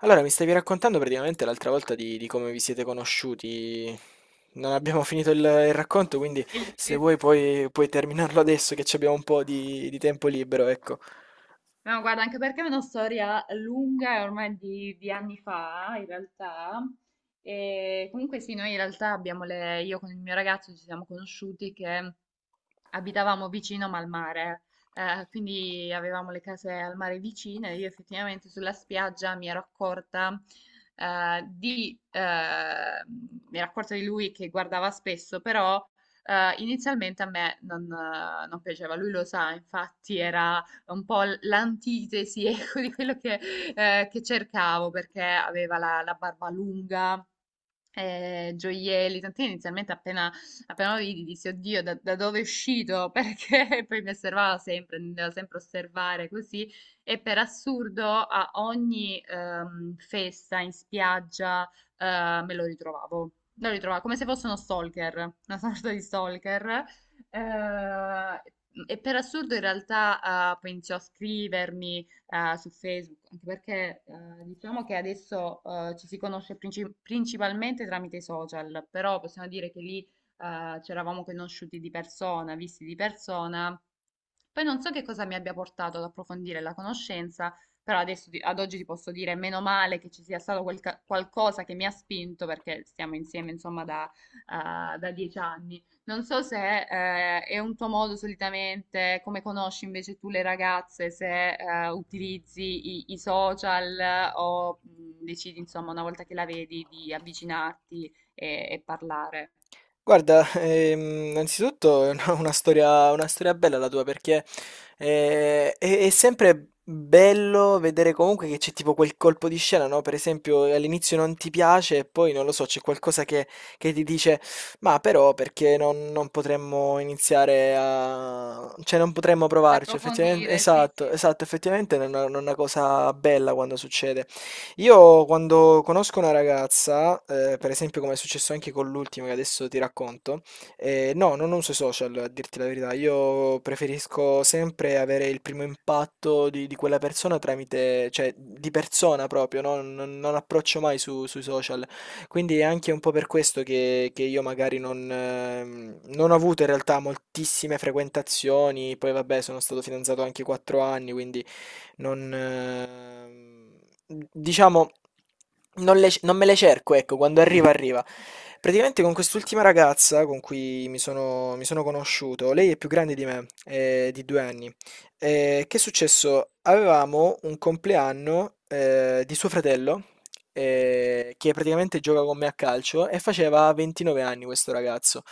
Allora, mi stavi raccontando praticamente l'altra volta di come vi siete conosciuti. Non abbiamo finito il racconto, quindi Il- se il- vuoi puoi terminarlo adesso che ci abbiamo un po' di tempo libero, ecco. No, guarda, anche perché è una storia lunga, è ormai di anni fa, in realtà. E comunque sì, noi in realtà abbiamo le... Io con il mio ragazzo ci siamo conosciuti che abitavamo vicino ma al mare, quindi avevamo le case al mare vicine. Io effettivamente sulla spiaggia mi ero accorta, mi ero accorta di lui che guardava spesso, però inizialmente a me non piaceva. Lui lo sa, infatti era un po' l'antitesi, ecco, di quello che che cercavo perché aveva la barba lunga, gioielli, tant'è che appena lo vidi dissi, oddio, da dove è uscito? Perché poi mi osservava sempre, mi doveva sempre osservare così e per assurdo a ogni festa in spiaggia me lo ritrovavo. Lo ritrovavo come se fosse uno stalker, una sorta di stalker. eh, e per assurdo in realtà poi iniziò a scrivermi, su Facebook, anche perché diciamo che adesso ci si conosce principalmente tramite i social, però possiamo dire che lì ci eravamo conosciuti di persona, visti di persona. Poi non so che cosa mi abbia portato ad approfondire la conoscenza, però ad oggi ti posso dire meno male che ci sia stato qualcosa che mi ha spinto, perché stiamo insieme insomma da, da dieci anni. Non so se è un tuo modo solitamente, come conosci invece tu le ragazze, se utilizzi i social o decidi insomma una volta che la vedi di avvicinarti e parlare. Guarda, innanzitutto è una storia, una storia bella la tua, perché è sempre bello vedere comunque che c'è tipo quel colpo di scena, no? Per esempio all'inizio non ti piace e poi non lo so, c'è qualcosa che ti dice, ma però perché non potremmo iniziare a, cioè non potremmo Ad provarci, effettivamente, approfondire, sì, esatto, sì, esatto, effettivamente è una cosa bella quando succede. Io quando conosco una ragazza, per esempio come è successo anche con l'ultima che adesso ti racconto, no, non uso i social, a dirti la verità, io preferisco sempre avere il primo impatto di quella persona tramite, cioè di persona proprio, no? Non approccio mai sui social, quindi è anche un po' per questo che io magari non ho avuto in realtà moltissime frequentazioni, poi vabbè sono stato fidanzato anche 4 anni, quindi non, diciamo, non me le cerco, ecco, quando arriva arriva. Praticamente con quest'ultima ragazza con cui mi sono conosciuto, lei è più grande di me, di due anni. Che è successo? Avevamo un compleanno, di suo fratello, che praticamente gioca con me a calcio e faceva 29 anni questo ragazzo.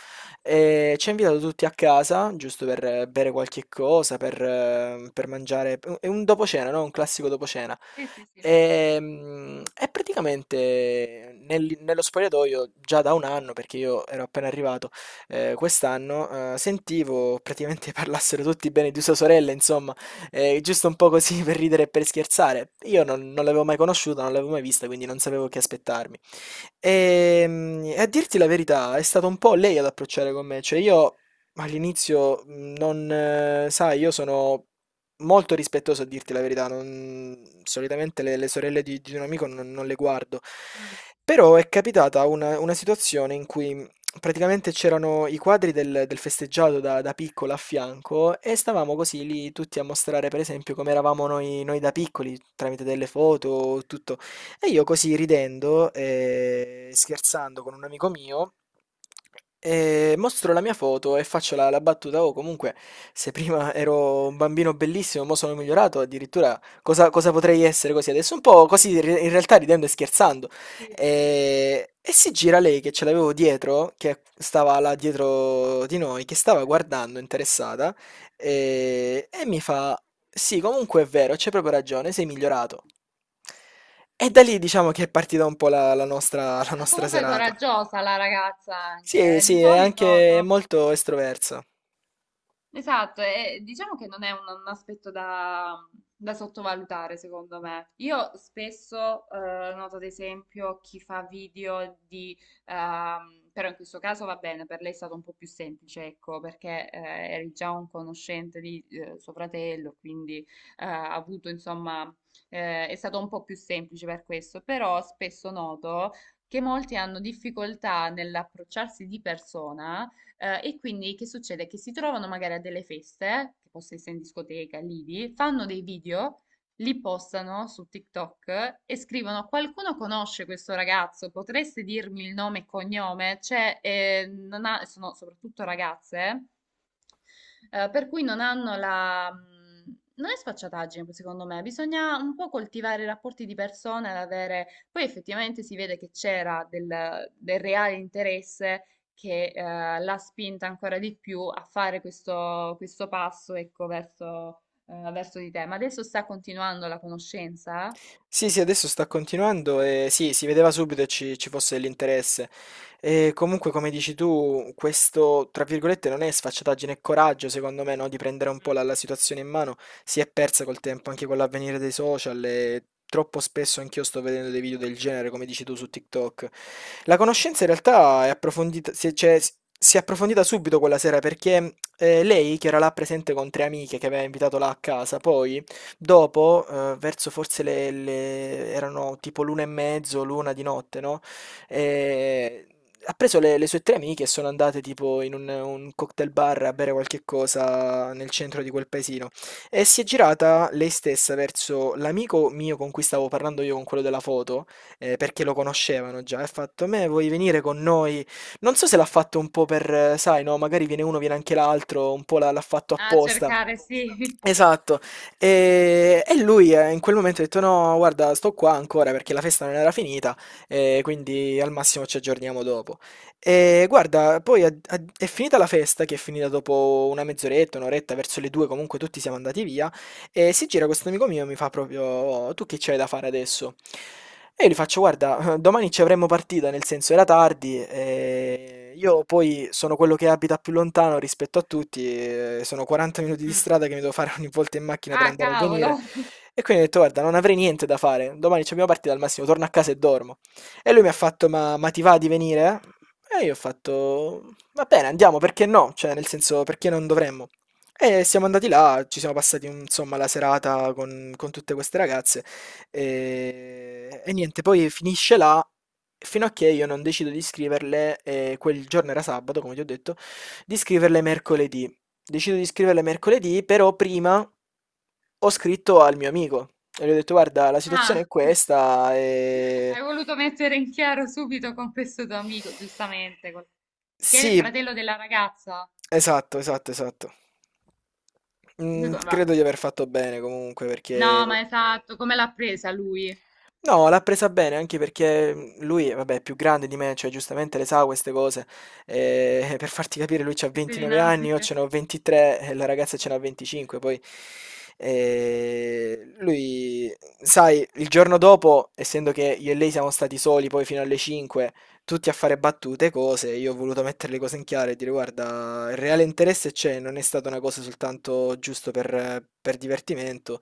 E ci ha invitato tutti a casa, giusto per bere qualche cosa, per mangiare. È un dopo cena, no? Un classico dopo cena. sì, sì, sì. E praticamente nello spogliatoio già da un anno, perché io ero appena arrivato quest'anno, sentivo praticamente parlassero tutti bene di sua sorella, insomma, giusto un po' così per ridere e per scherzare. Io non l'avevo mai conosciuta, non l'avevo mai vista, quindi non sapevo che aspettarmi. E a dirti la verità, è stata un po' lei ad approcciare con me, cioè io all'inizio non, sai, io sono molto rispettoso a dirti la verità, solitamente le sorelle di un amico non le guardo, Mm, però è capitata una situazione in cui praticamente c'erano i quadri del festeggiato da piccola a fianco e stavamo così lì tutti a mostrare, per esempio, come eravamo noi da piccoli, tramite delle foto, tutto. E io così, ridendo e scherzando con un amico mio, mostro la mia foto e faccio la battuta: "Oh, comunque, se prima ero un bambino bellissimo, mo sono migliorato, addirittura cosa potrei essere così adesso?" Un po' così, in realtà ridendo e scherzando. sì. E, si gira lei, che ce l'avevo dietro, che stava là dietro di noi, che stava guardando interessata, e mi fa: "Sì, comunque è vero, c'è proprio ragione, sei migliorato." E da lì diciamo che è partita un po' la la nostra la Ah, nostra comunque è serata. coraggiosa la ragazza Sì, anche, eh. sì, Di è solito anche sono... molto estroverso. Esatto, e diciamo che non è un aspetto da, da sottovalutare, secondo me. Io spesso noto, ad esempio, chi fa video di... Però in questo caso va bene, per lei è stato un po' più semplice, ecco, perché eri già un conoscente di suo fratello, quindi ha avuto, insomma, è stato un po' più semplice per questo, però spesso noto che molti hanno difficoltà nell'approcciarsi di persona e quindi che succede? Che si trovano magari a delle feste, che possa essere in discoteca, lidi, fanno dei video, li postano su TikTok e scrivono: qualcuno conosce questo ragazzo? Potreste dirmi il nome e cognome? Cioè, non ha- sono soprattutto ragazze per cui non hanno la... Non è sfacciataggine, secondo me, bisogna un po' coltivare i rapporti di persone, ad avere... Poi effettivamente si vede che c'era del, del reale interesse che l'ha spinta ancora di più a fare questo, questo passo, ecco, verso, verso di te. Ma adesso sta continuando la conoscenza? Sì, sì, adesso sta continuando e sì, si vedeva subito che ci fosse dell'interesse. E comunque, come dici tu, questo, tra virgolette, non è sfacciataggine, è coraggio, secondo me, no? Di prendere un po' Mm. la situazione in mano. Si è persa col tempo, anche con l'avvenire dei social, e troppo spesso anch'io sto vedendo dei video del genere, come dici tu, su TikTok. La conoscenza in realtà è approfondita, si, cioè, si è approfondita subito quella sera, perché lei, che era là presente con tre amiche che aveva invitato là a casa, poi. Dopo, verso forse le erano tipo l'1 e mezzo, l'1 di notte, no, ehm, ha preso le sue 3 amiche e sono andate tipo in un cocktail bar a bere qualche cosa nel centro di quel paesino, e si è girata lei stessa verso l'amico mio con cui stavo parlando io, con quello della foto, perché lo conoscevano già, e ha fatto: "Me vuoi venire con noi?" Non so se l'ha fatto un po' per, sai, no, magari viene uno, viene anche l'altro, un po' l'ha fatto A sì, apposta. cercare, ancora. Sì. Esatto. E lui, in quel momento, ha detto: "No, guarda, sto qua ancora perché la festa non era finita, quindi al massimo ci aggiorniamo dopo." E guarda, poi è finita la festa, che è finita dopo una mezz'oretta, un'oretta, verso le due, comunque tutti siamo andati via. E si gira questo amico mio e mi fa proprio: "Oh, tu che c'hai da fare adesso?" E io gli faccio: "Guarda, domani ci avremmo partita, nel senso era tardi, io poi sono quello che abita più lontano rispetto a tutti, sono 40 minuti Mm. di Mm. strada che mi devo fare ogni volta in macchina per Ah, andare e cavolo. venire, e quindi ho detto: Guarda, non avrei niente da fare, domani c'abbiamo partita, al massimo torno a casa e dormo." E lui mi ha fatto: "Ma ti va di venire?" E io ho fatto: "Va bene, andiamo, perché no? Cioè, nel senso, perché non dovremmo?" E siamo andati là, ci siamo passati insomma la serata con tutte queste ragazze e niente, poi finisce là fino a che io non decido di scriverle, quel giorno era sabato, come ti ho detto, di scriverle mercoledì. Decido di scriverle mercoledì, però prima ho scritto al mio amico e gli ho detto: guarda, la situazione Ah. è questa Hai e. voluto mettere in chiaro subito con questo tuo amico, giustamente, che è il Sì, fratello della ragazza. esatto, esatto, esatto. Lui co- va- Credo di aver fatto bene comunque perché. No, ma esatto, come l'ha presa lui? No, l'ha presa bene, anche perché lui, vabbè, è più grande di me, cioè giustamente le sa, queste cose. Per farti capire, lui c'ha Queste 29 anni, io dinamiche. ce n'ho 23 e la ragazza ce n'ha 25 poi. Lui sai, il giorno dopo, essendo che io e lei siamo stati soli poi fino alle 5, tutti a fare battute, cose, io ho voluto mettere le cose in chiaro e dire: "Guarda, il reale interesse c'è, non è stata una cosa soltanto giusto per divertimento."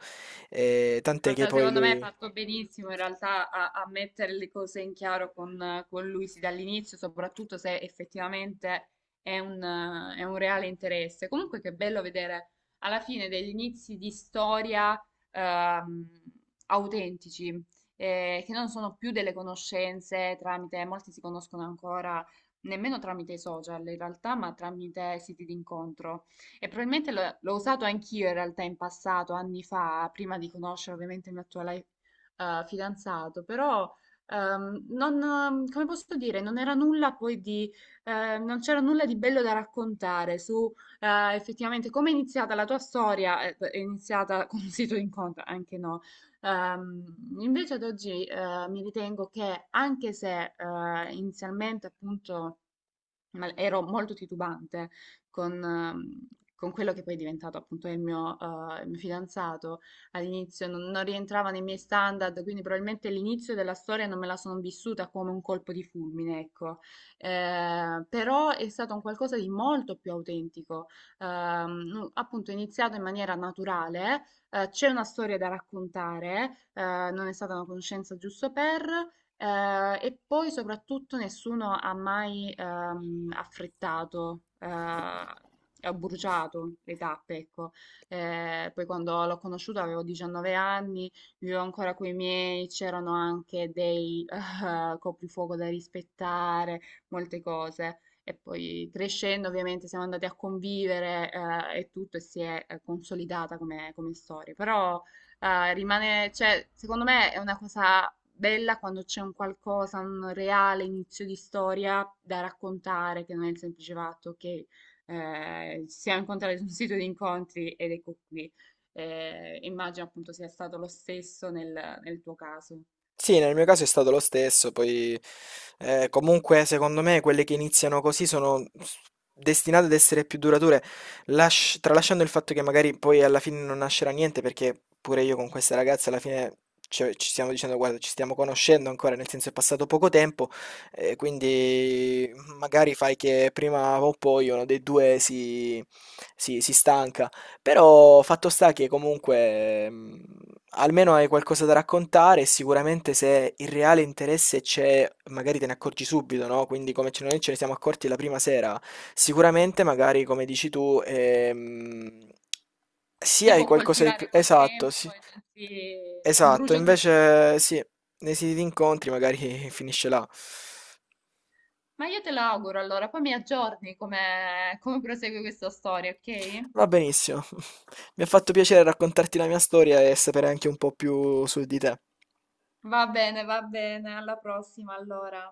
Tant'è che Guarda, poi secondo me hai lui. fatto benissimo in realtà a, a mettere le cose in chiaro con lui sì, dall'inizio, soprattutto se effettivamente è un reale interesse. Comunque che bello vedere alla fine degli inizi di storia ehm, autentici, che non sono più delle conoscenze tramite, molti si conoscono ancora nemmeno tramite i social in realtà, ma tramite siti d'incontro. E probabilmente l'ho usato anch'io in realtà in passato, anni fa, prima di conoscere ovviamente il mio attuale fidanzato, però non, come posso dire, non era nulla poi di, non c'era nulla di bello da raccontare su effettivamente come è iniziata la tua storia, è iniziata con un sito di incontro, anche no. Invece ad oggi mi ritengo che anche se inizialmente appunto ma ero molto titubante con, ehm, con quello che poi è diventato appunto il mio fidanzato. All'inizio non rientrava nei miei standard, quindi probabilmente l'inizio della storia non me la sono vissuta come un colpo di fulmine, ecco. Però è stato un qualcosa di molto più autentico. Appunto, è iniziato in maniera naturale, c'è una storia da raccontare, non è stata una conoscenza giusto per, e poi soprattutto nessuno ha mai affrettato, ho bruciato le tappe, ecco. Poi quando l'ho conosciuto avevo 19 anni, vivevo ancora coi miei, c'erano anche dei coprifuoco da rispettare, molte cose. E poi crescendo ovviamente siamo andati a convivere e tutto e si è consolidata come, come storia. Però ah, rimane, cioè, secondo me è una cosa bella quando c'è un qualcosa, un reale inizio di storia da raccontare, che non è il semplice fatto che ci siamo incontrati su un sito di incontri ed ecco qui. Immagino appunto sia stato lo stesso nel, nel tuo caso. Sì, nel mio caso è stato lo stesso, poi, comunque secondo me quelle che iniziano così sono destinate ad essere più durature, tralasciando il fatto che magari poi alla fine non nascerà niente, perché pure io con queste ragazze alla fine ci stiamo dicendo: guarda, ci stiamo conoscendo ancora, nel senso è passato poco tempo, quindi magari fai che prima o poi uno dei due si stanca. Però fatto sta che comunque, almeno hai qualcosa da raccontare, e sicuramente se il reale interesse c'è, magari te ne accorgi subito, no? Quindi, come noi ce ne siamo accorti la prima sera, sicuramente magari, come dici tu, sì, Si hai può qualcosa di più. coltivare col Esatto, tempo sì. e non, si, non Esatto, brucia tutto invece subito. sì, nei siti di incontri magari finisce là. Ma io te lo auguro allora, poi mi aggiorni come, come prosegue questa storia, ok? Va benissimo. Mi ha fatto piacere raccontarti la mia storia e sapere anche un po' più su di te. Va bene, alla prossima allora.